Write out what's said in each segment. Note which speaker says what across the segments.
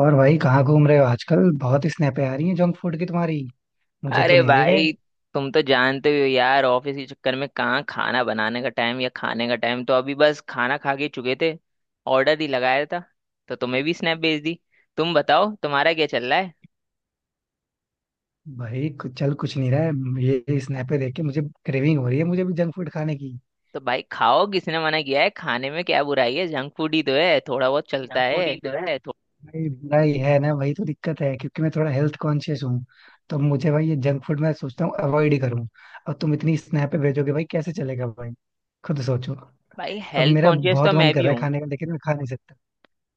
Speaker 1: और भाई कहाँ घूम रहे हो आजकल? बहुत स्नैपें आ रही हैं जंक फूड की तुम्हारी. मुझे तो
Speaker 2: अरे
Speaker 1: नहीं ले गए.
Speaker 2: भाई, तुम तो जानते ही हो यार, ऑफिस के चक्कर में कहाँ खाना बनाने का टाइम या खाने का टाइम। तो अभी बस खाना खा के चुके थे, ऑर्डर ही लगाया था, तो तुम्हें भी स्नैप भेज दी। तुम बताओ तुम्हारा क्या चल रहा है।
Speaker 1: भाई कुछ चल कुछ नहीं रहा है. ये स्नैपें देख के मुझे क्रेविंग हो रही है, मुझे भी जंक फूड खाने की.
Speaker 2: तो भाई खाओ, किसने मना किया है, खाने में क्या बुराई है, जंक फूड ही तो है, थोड़ा बहुत चलता
Speaker 1: जंक फूड
Speaker 2: है।
Speaker 1: ही तो है थोड़ा भाई, बुरा ही है ना, वही तो दिक्कत है क्योंकि मैं थोड़ा हेल्थ कॉन्शियस हूँ. तो मुझे भाई ये जंक फूड मैं सोचता हूँ अवॉइड ही करूँ. और तुम इतनी स्नैपें भेजोगे भाई, कैसे चलेगा भाई? खुद सोचो.
Speaker 2: भाई
Speaker 1: अब
Speaker 2: हेल्थ
Speaker 1: मेरा
Speaker 2: कॉन्शियस तो
Speaker 1: बहुत मन
Speaker 2: मैं
Speaker 1: कर
Speaker 2: भी
Speaker 1: रहा है
Speaker 2: हूँ।
Speaker 1: खाने का लेकिन मैं खा नहीं सकता.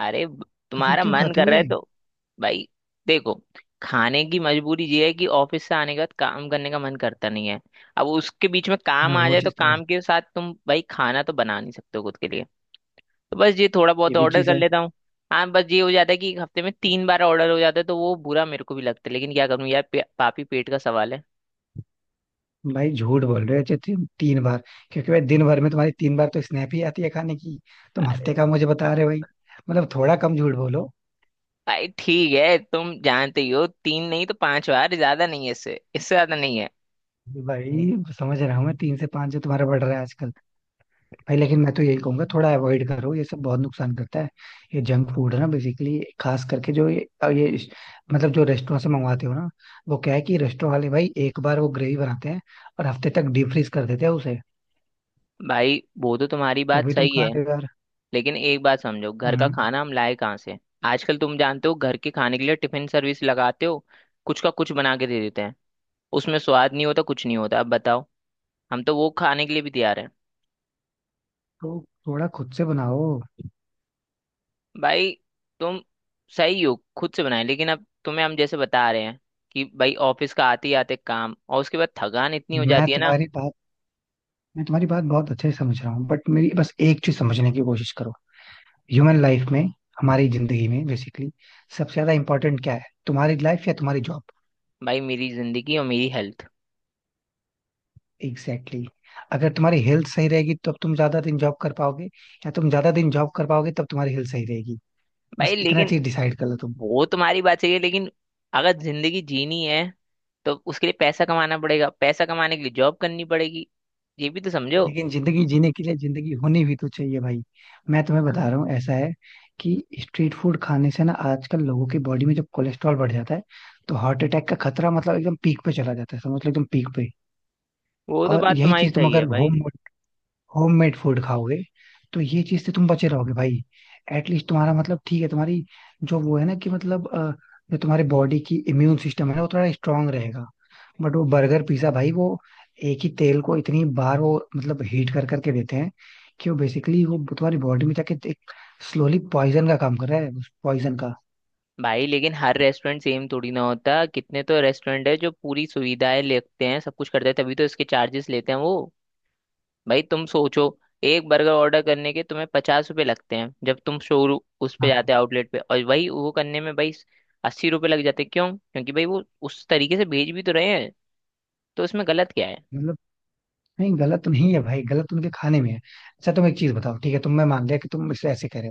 Speaker 2: अरे ब-
Speaker 1: तो फिर
Speaker 2: तुम्हारा
Speaker 1: क्यों
Speaker 2: मन
Speaker 1: खाते
Speaker 2: कर
Speaker 1: हो
Speaker 2: रहा है
Speaker 1: ये?
Speaker 2: तो। भाई देखो, खाने की मजबूरी ये है कि ऑफिस से आने के बाद काम करने का मन करता नहीं है। अब उसके बीच में
Speaker 1: हाँ,
Speaker 2: काम आ
Speaker 1: वो
Speaker 2: जाए तो
Speaker 1: चीज़ तो है.
Speaker 2: काम के साथ तुम भाई खाना तो बना नहीं सकते हो खुद के लिए। तो बस ये थोड़ा
Speaker 1: ये
Speaker 2: बहुत
Speaker 1: भी
Speaker 2: ऑर्डर
Speaker 1: चीज़
Speaker 2: कर
Speaker 1: है.
Speaker 2: लेता हूँ। हाँ, बस ये हो जाता है कि हफ्ते में 3 बार ऑर्डर हो जाता है तो वो बुरा मेरे को भी लगता है, लेकिन क्या करूँ यार, पापी पेट का सवाल है।
Speaker 1: भाई झूठ बोल रहे हो जो तुम 3 बार, क्योंकि भाई दिन भर में तुम्हारी 3 बार तो स्नैप ही आती है खाने की. तुम
Speaker 2: अरे
Speaker 1: हफ्ते का मुझे बता रहे हो भाई. मतलब थोड़ा कम झूठ बोलो.
Speaker 2: भाई ठीक है, तुम जानते ही हो, तीन नहीं तो 5 बार, ज्यादा नहीं है, इससे इससे ज्यादा नहीं है।
Speaker 1: भाई समझ रहा हूँ मैं, 3 से 5 जो तुम्हारा बढ़ रहा है आजकल. भाई लेकिन मैं तो यही कहूंगा, थोड़ा अवॉइड करो, ये सब बहुत नुकसान करता है. ये जंक फूड है ना, बेसिकली खास करके जो ये ये इस- मतलब जो रेस्टोरेंट से मंगवाते हो ना, वो क्या है कि रेस्टोरेंट वाले भाई एक बार वो ग्रेवी बनाते हैं और हफ्ते तक डीप फ्रीज कर देते हैं उसे.
Speaker 2: भाई वो तो तुम्हारी
Speaker 1: तो
Speaker 2: बात
Speaker 1: अभी तुम
Speaker 2: सही
Speaker 1: खा
Speaker 2: है,
Speaker 1: रहे हो यार.
Speaker 2: लेकिन एक बात समझो, घर का
Speaker 1: हम्म.
Speaker 2: खाना हम लाए कहाँ से। आजकल तुम जानते हो घर के खाने के लिए टिफिन सर्विस लगाते हो, कुछ का कुछ बना के दे देते हैं, उसमें स्वाद नहीं होता कुछ नहीं होता, अब बताओ, हम तो वो खाने के लिए भी तैयार हैं।
Speaker 1: तो थोड़ा खुद से बनाओ.
Speaker 2: भाई तुम सही हो, खुद से बनाए, लेकिन अब तुम्हें हम जैसे बता रहे हैं कि भाई ऑफिस का आते ही आते काम और उसके बाद थकान इतनी हो
Speaker 1: मैं
Speaker 2: जाती है ना।
Speaker 1: तुम्हारी बात मैं तुम्हारी बात बहुत अच्छे से समझ रहा हूँ बट मेरी बस एक चीज समझने की कोशिश करो. ह्यूमन लाइफ में, हमारी जिंदगी में बेसिकली सबसे ज्यादा इंपॉर्टेंट क्या है, तुम्हारी लाइफ या तुम्हारी जॉब?
Speaker 2: भाई मेरी जिंदगी और मेरी हेल्थ।
Speaker 1: Exactly exactly. अगर तुम्हारी हेल्थ सही रहेगी तब तुम ज्यादा दिन जॉब कर पाओगे, या तुम ज्यादा दिन जॉब कर पाओगे तब तुम्हारी हेल्थ सही रहेगी. बस
Speaker 2: भाई
Speaker 1: इतना
Speaker 2: लेकिन
Speaker 1: चीज डिसाइड कर लो.
Speaker 2: वो तुम्हारी बात सही है, लेकिन अगर जिंदगी जीनी है तो उसके लिए पैसा कमाना पड़ेगा, पैसा कमाने के लिए जॉब करनी पड़ेगी, ये भी तो समझो।
Speaker 1: लेकिन जिंदगी जीने के लिए जिंदगी होनी भी तो चाहिए भाई. मैं तुम्हें बता रहा हूँ, ऐसा है कि स्ट्रीट फूड खाने से ना आजकल लोगों की बॉडी में जब कोलेस्ट्रॉल बढ़ जाता है तो हार्ट अटैक का खतरा मतलब एकदम पीक पे चला जाता है, समझ लो एकदम पीक पे.
Speaker 2: वो तो
Speaker 1: और
Speaker 2: बात
Speaker 1: यही
Speaker 2: तुम्हारी
Speaker 1: चीज तुम
Speaker 2: सही
Speaker 1: अगर
Speaker 2: है भाई।
Speaker 1: होममेड फूड खाओगे तो ये चीज से तुम बचे रहोगे भाई. एटलीस्ट तुम्हारा मतलब ठीक है, तुम्हारी जो वो है ना कि मतलब जो तुम्हारे बॉडी की इम्यून सिस्टम है ना वो थोड़ा स्ट्रांग रहेगा. बट वो बर्गर पिज्जा भाई, वो एक ही तेल को इतनी बार वो मतलब हीट कर करके देते हैं कि वो बेसिकली वो तुम्हारी बॉडी में जाके एक स्लोली पॉइजन का काम कर रहा है, पॉइजन का.
Speaker 2: भाई लेकिन हर रेस्टोरेंट सेम थोड़ी ना होता, कितने तो रेस्टोरेंट है जो पूरी सुविधाएं लेते हैं सब कुछ करते हैं, तभी तो इसके चार्जेस लेते हैं वो। भाई तुम सोचो, एक बर्गर ऑर्डर करने के तुम्हें 50 रुपए लगते हैं, जब तुम शोरूम उस पे
Speaker 1: हाँ.
Speaker 2: जाते हो आउटलेट पे और वही वो करने में भाई 80 रुपए लग जाते हैं, क्यों, क्योंकि भाई वो उस तरीके से भेज भी तो रहे हैं, तो उसमें गलत क्या है।
Speaker 1: मतलब नहीं, गलत तो नहीं है भाई, गलत उनके खाने में है. अच्छा तुम एक चीज बताओ, ठीक है तुम, मैं मान लिया कि तुम इसे ऐसे कह रहे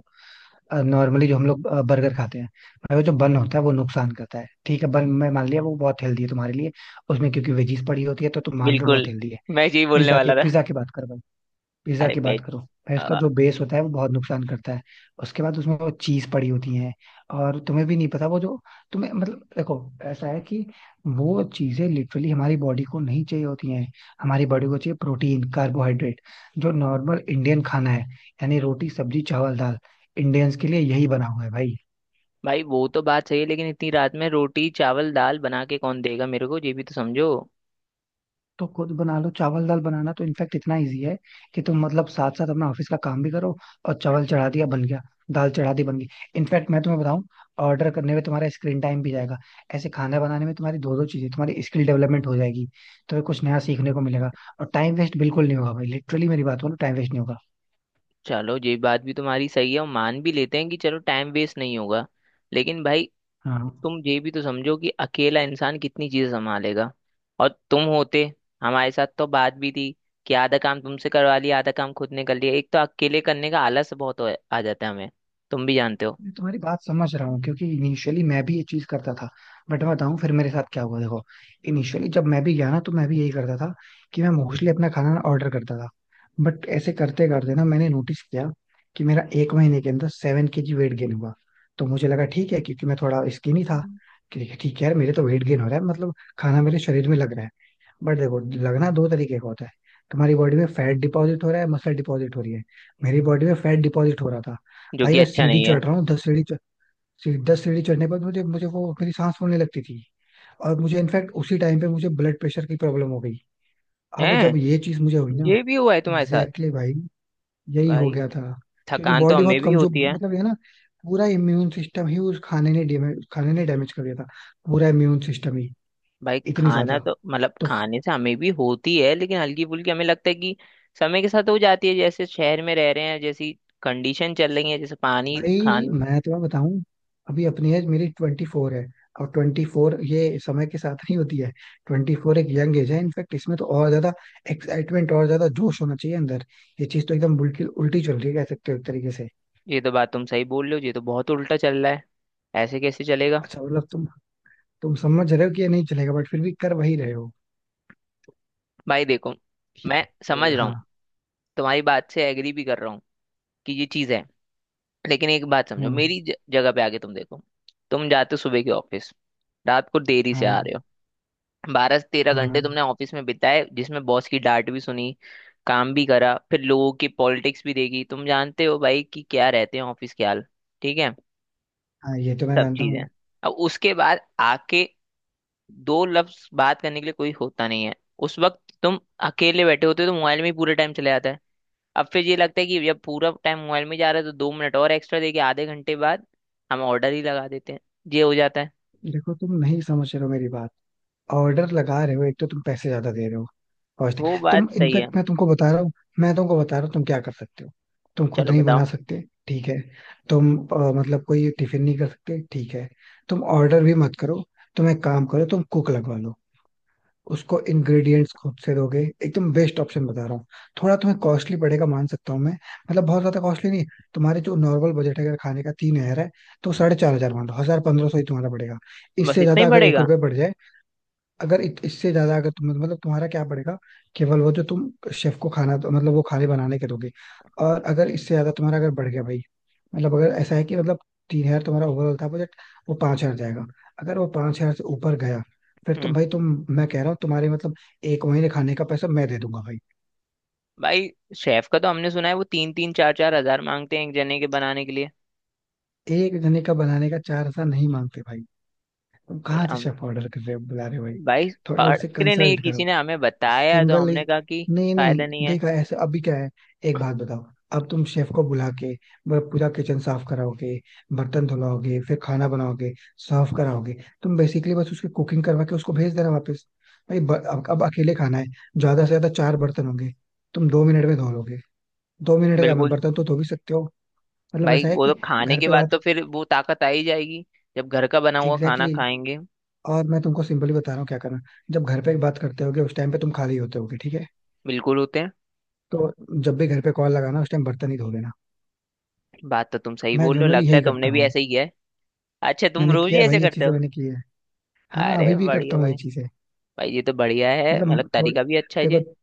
Speaker 1: हो. नॉर्मली जो हम लोग बर्गर खाते हैं भाई, वो जो बन होता है वो नुकसान करता है. ठीक है बन मैं मान लिया वो बहुत हेल्दी है तुम्हारे लिए, उसमें क्योंकि वेजीज पड़ी होती है तो तुम मान रहे हो बहुत
Speaker 2: बिल्कुल,
Speaker 1: हेल्दी है.
Speaker 2: मैं यही बोलने
Speaker 1: पिज्जा के,
Speaker 2: वाला था।
Speaker 1: पिज्जा की बात करो भाई, पिज्जा
Speaker 2: अरे
Speaker 1: की
Speaker 2: बे।
Speaker 1: बात करो. भाई उसका
Speaker 2: अ,
Speaker 1: जो बेस होता है वो बहुत नुकसान करता है. उसके बाद उसमें वो चीज पड़ी होती है, और तुम्हें भी नहीं पता वो जो, तुम्हें मतलब देखो, ऐसा है कि वो चीजें लिटरली हमारी बॉडी को नहीं चाहिए होती हैं. हमारी बॉडी को चाहिए प्रोटीन, कार्बोहाइड्रेट, जो नॉर्मल इंडियन खाना है, यानी रोटी सब्जी चावल दाल. इंडियंस के लिए यही बना हुआ है भाई.
Speaker 2: भाई वो तो बात सही है, लेकिन इतनी रात में रोटी चावल दाल बना के कौन देगा मेरे को, ये भी तो समझो।
Speaker 1: तो खुद बना लो. चावल दाल बनाना तो इनफैक्ट इतना इजी है कि तुम मतलब साथ साथ अपना ऑफिस का काम भी करो, और चावल चढ़ा दिया बन गया, दाल चढ़ा दी बन गई. इनफैक्ट मैं तुम्हें बताऊं, ऑर्डर करने में तुम्हारा स्क्रीन टाइम भी जाएगा, ऐसे खाना बनाने में तुम्हारी दो दो चीजें, तुम्हारी स्किल डेवलपमेंट हो जाएगी, तुम्हें कुछ नया सीखने को मिलेगा, और टाइम वेस्ट बिल्कुल नहीं होगा भाई, लिटरली मेरी बात बोलो, टाइम वेस्ट नहीं होगा.
Speaker 2: चलो ये बात भी तुम्हारी सही है और मान भी लेते हैं कि चलो टाइम वेस्ट नहीं होगा। लेकिन भाई
Speaker 1: हाँ.
Speaker 2: तुम ये भी तो समझो कि अकेला इंसान कितनी चीजें संभालेगा। और तुम होते हमारे साथ तो बात भी थी, कि आधा काम तुमसे करवा लिया आधा काम खुद ने कर लिया। एक तो अकेले करने का आलस बहुत आ जाता है हमें, तुम भी जानते हो।
Speaker 1: मैं तुम्हारी बात समझ रहा हूँ, क्योंकि इनिशियली मैं भी ये चीज करता था. बट मैं बताऊँ फिर मेरे साथ क्या हुआ, देखो, इनिशियली जब मैं भी गया ना तो मैं भी यही करता था कि मैं मोस्टली अपना खाना ना ऑर्डर करता था. बट ऐसे करते करते ना मैंने नोटिस किया कि मेरा एक महीने के अंदर 7 केजी वेट गेन हुआ. तो मुझे लगा ठीक है, क्योंकि मैं थोड़ा स्किनी था. ठीक है यार, मेरे तो वेट गेन हो रहा है, मतलब खाना मेरे शरीर में लग रहा है. बट देखो, लगना दो तरीके का होता है. तुम्हारी बॉडी में फैट डिपॉजिट हो रहा है, मसल डिपॉजिट हो रही है. मेरी बॉडी में फैट डिपॉजिट हो रहा था.
Speaker 2: जो
Speaker 1: भाई
Speaker 2: कि
Speaker 1: मैं
Speaker 2: अच्छा
Speaker 1: सीढ़ी
Speaker 2: नहीं है।
Speaker 1: चढ़ रहा हूँ, 10 सीढ़ी चढ़ने पर मुझे मुझे वो मेरी सांस फूलने लगती थी. और मुझे इनफैक्ट उसी टाइम पे मुझे ब्लड प्रेशर की प्रॉब्लम हो गई. अब
Speaker 2: हैं,
Speaker 1: जब ये चीज मुझे हुई ना,
Speaker 2: ये भी हुआ है तुम्हारे साथ।
Speaker 1: एग्जैक्टली exactly भाई, यही हो
Speaker 2: भाई
Speaker 1: गया था. क्योंकि
Speaker 2: थकान तो
Speaker 1: बॉडी
Speaker 2: हमें
Speaker 1: बहुत
Speaker 2: भी
Speaker 1: कमजोर,
Speaker 2: होती है।
Speaker 1: मतलब ये ना पूरा इम्यून सिस्टम ही उस खाने ने डैमेज कर दिया था, पूरा इम्यून सिस्टम ही.
Speaker 2: भाई
Speaker 1: इतनी ज्यादा.
Speaker 2: खाना तो मतलब
Speaker 1: तो
Speaker 2: खाने से हमें भी होती है, लेकिन हल्की फुल्की हमें लगता है कि समय के साथ हो जाती है, जैसे शहर में रह रहे हैं, जैसी कंडीशन चल रही है, जैसे पानी
Speaker 1: भाई
Speaker 2: खान।
Speaker 1: मैं तुम्हें बताऊं, अभी अपनी एज मेरी 24 है, और 24 ये समय के साथ नहीं होती है. 24 एक यंग एज है, इनफैक्ट इसमें तो और ज्यादा एक्साइटमेंट, और ज्यादा जोश होना चाहिए अंदर. ये चीज तो एकदम बिल्कुल उल्टी चल रही है कह सकते हो एक तरीके से.
Speaker 2: ये तो बात तुम सही बोल रहे हो, ये तो बहुत उल्टा चल रहा है, ऐसे कैसे चलेगा।
Speaker 1: अच्छा मतलब तुम समझ रहे हो कि ये नहीं चलेगा बट फिर भी कर वही रहे हो?
Speaker 2: भाई देखो,
Speaker 1: ये
Speaker 2: मैं समझ
Speaker 1: चलेगा,
Speaker 2: रहा
Speaker 1: हाँ.
Speaker 2: हूँ, तुम्हारी बात से एग्री भी कर रहा हूँ कि ये चीज़ है, लेकिन एक बात समझो,
Speaker 1: हम्म.
Speaker 2: मेरी जगह पे आके तुम देखो। तुम जाते हो सुबह के ऑफिस, रात को देरी से आ
Speaker 1: हाँ.
Speaker 2: रहे हो, 12 से 13 घंटे
Speaker 1: हाँ.
Speaker 2: तुमने ऑफिस में बिताए, जिसमें बॉस की डांट भी सुनी, काम भी करा, फिर लोगों की पॉलिटिक्स भी देखी, तुम जानते हो भाई कि क्या रहते हैं ऑफिस के हाल, ठीक है,
Speaker 1: हाँ ये तो मैं
Speaker 2: सब
Speaker 1: जानता
Speaker 2: चीजें।
Speaker 1: हूँ.
Speaker 2: अब उसके बाद आके दो लफ्ज बात करने के लिए कोई होता नहीं है, उस वक्त तुम अकेले बैठे होते हो तो मोबाइल में ही पूरा टाइम चले जाता है। अब फिर ये लगता है कि जब पूरा टाइम मोबाइल में जा रहा है तो 2 मिनट और एक्स्ट्रा देके आधे घंटे बाद हम ऑर्डर ही लगा देते हैं, ये हो जाता है।
Speaker 1: देखो तुम नहीं समझ रहे हो मेरी बात. ऑर्डर लगा रहे हो, एक तो तुम पैसे ज्यादा दे रहे हो, पॉजिटिव
Speaker 2: वो बात
Speaker 1: तुम,
Speaker 2: सही है।
Speaker 1: इनफैक्ट मैं तुमको बता रहा हूँ. मैं तुमको बता रहा हूँ तुम क्या कर सकते हो. तुम खुद
Speaker 2: चलो
Speaker 1: नहीं बना
Speaker 2: बताओ।
Speaker 1: सकते ठीक है, तुम मतलब कोई टिफिन नहीं कर सकते ठीक है, तुम ऑर्डर भी मत करो. तुम एक काम करो, तुम कुक लगवा लो. उसको इंग्रेडिएंट्स खुद से दोगे. एकदम बेस्ट ऑप्शन बता रहा हूँ. थोड़ा तुम्हें कॉस्टली पड़ेगा, मान सकता हूँ मैं, मतलब बहुत ज्यादा कॉस्टली नहीं. तुम्हारे जो नॉर्मल बजट है अगर खाने का 3,000 है, तो 4,500 मान लो, हजार पंद्रह सौ ही तुम्हारा पड़ेगा.
Speaker 2: बस
Speaker 1: इससे
Speaker 2: इतना ही
Speaker 1: ज्यादा अगर एक
Speaker 2: पड़ेगा।
Speaker 1: रुपये बढ़ जाए, अगर इत, इससे ज्यादा अगर तुम मतलब तुम्हारा क्या पड़ेगा, केवल वो जो तुम शेफ को खाना दो, मतलब वो खाने बनाने के दोगे. और अगर इससे ज्यादा तुम्हारा अगर बढ़ गया भाई, मतलब अगर ऐसा है कि मतलब 3,000 तुम्हारा ओवरऑल था बजट, वो 5,000 जाएगा, अगर वो 5,000 से ऊपर गया, फिर तुम भाई तुम, मैं कह रहा हूँ तुम्हारे मतलब एक महीने खाने का पैसा मैं दे दूंगा भाई.
Speaker 2: भाई शेफ का तो हमने सुना है वो तीन तीन चार चार हजार मांगते हैं एक जने के बनाने के लिए।
Speaker 1: एक जने का बनाने का 4,000 नहीं मांगते भाई, तुम
Speaker 2: ये
Speaker 1: कहाँ से
Speaker 2: हम
Speaker 1: शेफ ऑर्डर कर रहे हो, बुला रहे हो भाई?
Speaker 2: भाई
Speaker 1: थोड़ा
Speaker 2: पढ़
Speaker 1: उससे
Speaker 2: के नहीं,
Speaker 1: कंसल्ट,
Speaker 2: किसी ने हमें बताया, तो
Speaker 1: सिंगल
Speaker 2: हमने
Speaker 1: ही,
Speaker 2: कहा कि
Speaker 1: नहीं नहीं.
Speaker 2: फायदा नहीं है।
Speaker 1: देखा ऐसे अभी क्या है, एक बात बताओ, अब तुम शेफ को बुला के वो पूरा किचन साफ कराओगे, बर्तन धुलाओगे, फिर खाना बनाओगे, सर्व कराओगे? तुम बेसिकली बस उसकी कुकिंग करवा के उसको भेज देना वापस. भाई अब अकेले खाना है, ज्यादा से ज्यादा चार बर्तन होंगे, तुम 2 मिनट में धो लोगे. 2 मिनट का, मैं
Speaker 2: बिल्कुल।
Speaker 1: बर्तन तो धो भी सकते हो. मतलब
Speaker 2: भाई
Speaker 1: ऐसा है
Speaker 2: वो तो
Speaker 1: कि
Speaker 2: खाने
Speaker 1: घर
Speaker 2: के
Speaker 1: पे
Speaker 2: बाद
Speaker 1: बात,
Speaker 2: तो फिर वो ताकत आ ही जाएगी, जब घर का बना हुआ खाना
Speaker 1: एग्जैक्टली exactly,
Speaker 2: खाएंगे।
Speaker 1: और मैं तुमको सिंपली बता रहा हूँ क्या करना. जब घर पे बात करते होगे उस टाइम पे तुम खाली होते होगे ठीक है,
Speaker 2: बिल्कुल होते हैं।
Speaker 1: तो जब भी घर पे कॉल लगाना उस टाइम बर्तन ही धो लेना.
Speaker 2: बात तो तुम सही
Speaker 1: मैं
Speaker 2: बोल रहे हो,
Speaker 1: जनरली
Speaker 2: लगता है
Speaker 1: यही
Speaker 2: तुमने
Speaker 1: करता
Speaker 2: भी
Speaker 1: हूँ.
Speaker 2: ऐसा ही किया है। अच्छा तुम
Speaker 1: मैंने
Speaker 2: रोज
Speaker 1: किया
Speaker 2: ही
Speaker 1: है भाई,
Speaker 2: ऐसे
Speaker 1: ये
Speaker 2: करते
Speaker 1: चीजें
Speaker 2: हो।
Speaker 1: मैंने की है. हाँ
Speaker 2: अरे
Speaker 1: अभी भी करता
Speaker 2: बढ़िया
Speaker 1: हूँ ये
Speaker 2: भाई।
Speaker 1: चीजें.
Speaker 2: भाई ये तो बढ़िया है, मतलब
Speaker 1: मतलब थोड़ी,
Speaker 2: तरीका भी अच्छा है।
Speaker 1: देखो,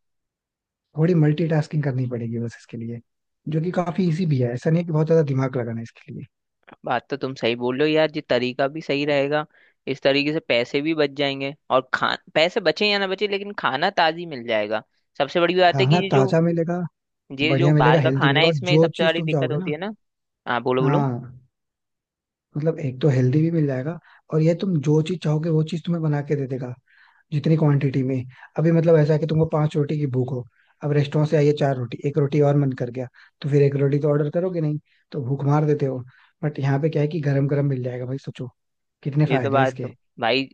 Speaker 1: थोड़ी मल्टीटास्किंग करनी पड़ेगी बस इसके लिए, जो कि काफी इजी भी है, ऐसा नहीं है कि बहुत ज्यादा दिमाग लगाना है इसके लिए.
Speaker 2: बात तो तुम सही बोल रहे हो यार, ये तरीका भी सही रहेगा, इस तरीके से पैसे भी बच जाएंगे और खा पैसे बचे या ना बचे लेकिन खाना ताजी मिल जाएगा। सबसे बड़ी बात है कि
Speaker 1: खाना
Speaker 2: ये जो
Speaker 1: ताजा मिलेगा,
Speaker 2: ये जो
Speaker 1: बढ़िया
Speaker 2: बाहर
Speaker 1: मिलेगा,
Speaker 2: का
Speaker 1: हेल्दी
Speaker 2: खाना
Speaker 1: मिलेगा,
Speaker 2: है
Speaker 1: और
Speaker 2: इसमें
Speaker 1: जो
Speaker 2: सबसे
Speaker 1: चीज
Speaker 2: बड़ी
Speaker 1: तुम
Speaker 2: दिक्कत
Speaker 1: चाहोगे
Speaker 2: होती
Speaker 1: ना.
Speaker 2: है ना। हाँ बोलो बोलो।
Speaker 1: हाँ. मतलब एक तो हेल्दी भी मिल जाएगा, और ये तुम जो चीज चाहोगे वो चीज तुम्हें बना के दे देगा, जितनी क्वांटिटी में. अभी मतलब ऐसा है कि तुमको पांच रोटी की भूख हो, अब रेस्टोरेंट से आई है चार रोटी, एक रोटी और मन कर गया, तो फिर एक रोटी तो ऑर्डर करोगे नहीं, तो भूख मार देते हो. बट यहाँ पे क्या है कि गरम गरम मिल जाएगा भाई, सोचो कितने
Speaker 2: ये तो
Speaker 1: फायदे हैं
Speaker 2: बात तो
Speaker 1: इसके.
Speaker 2: भाई,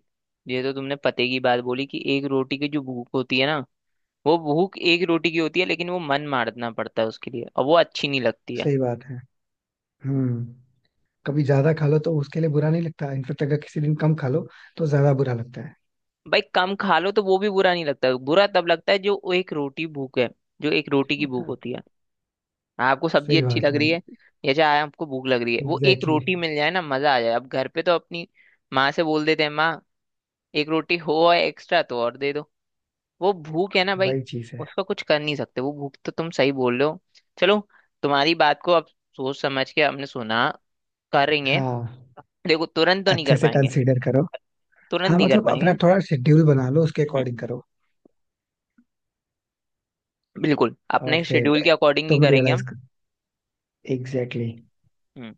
Speaker 2: ये तो तुमने पते की बात बोली कि एक रोटी की जो भूख होती है ना, वो भूख एक रोटी की होती है, लेकिन वो मन मारना पड़ता है उसके लिए और वो अच्छी नहीं लगती है।
Speaker 1: सही बात है. हम्म. कभी ज्यादा खा लो तो उसके लिए बुरा नहीं लगता, इनफेक्ट अगर किसी दिन कम खा लो तो ज्यादा बुरा लगता है.
Speaker 2: भाई कम खा लो तो वो भी बुरा नहीं लगता, बुरा तब लगता है जो वो एक रोटी भूख है, जो एक रोटी की भूख
Speaker 1: अच्छा.
Speaker 2: होती है। हाँ, आपको सब्जी
Speaker 1: सही
Speaker 2: अच्छी
Speaker 1: बात है
Speaker 2: लग रही है
Speaker 1: भाई.
Speaker 2: या चाहे आपको भूख लग रही है, वो एक
Speaker 1: एग्जैक्टली exactly.
Speaker 2: रोटी मिल जाए ना मजा आ जाए। अब घर पे तो अपनी माँ से बोल देते हैं, माँ एक रोटी हो और एक्स्ट्रा तो और दे दो। वो भूख है ना भाई,
Speaker 1: वही चीज है.
Speaker 2: उसका कुछ कर नहीं सकते, वो भूख तो तुम सही बोल रहे हो। चलो तुम्हारी बात को अब सोच समझ के हमने सुना, करेंगे।
Speaker 1: हाँ.
Speaker 2: देखो तुरंत तो नहीं
Speaker 1: अच्छे
Speaker 2: कर
Speaker 1: से
Speaker 2: पाएंगे,
Speaker 1: कंसीडर करो.
Speaker 2: तुरंत
Speaker 1: हाँ
Speaker 2: नहीं कर
Speaker 1: मतलब अपना
Speaker 2: पाएंगे।
Speaker 1: थोड़ा शेड्यूल बना लो, उसके
Speaker 2: हम्म,
Speaker 1: अकॉर्डिंग करो.
Speaker 2: बिल्कुल
Speaker 1: और
Speaker 2: अपने
Speaker 1: फिर
Speaker 2: शेड्यूल के अकॉर्डिंग ही
Speaker 1: तुम
Speaker 2: करेंगे
Speaker 1: रियलाइज
Speaker 2: हम।
Speaker 1: कर, एग्जैक्टली exactly.
Speaker 2: हम्म,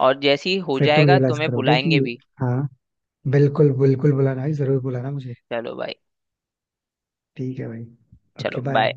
Speaker 2: और जैसे ही हो
Speaker 1: फिर तुम
Speaker 2: जाएगा
Speaker 1: रियलाइज
Speaker 2: तुम्हें
Speaker 1: करोगे कि,
Speaker 2: बुलाएंगे भी।
Speaker 1: हाँ, बिल्कुल बिल्कुल बुलाना भाई, जरूर बुलाना मुझे.
Speaker 2: चलो भाई।
Speaker 1: ठीक है भाई.
Speaker 2: चलो
Speaker 1: ओके बाय.
Speaker 2: बाय।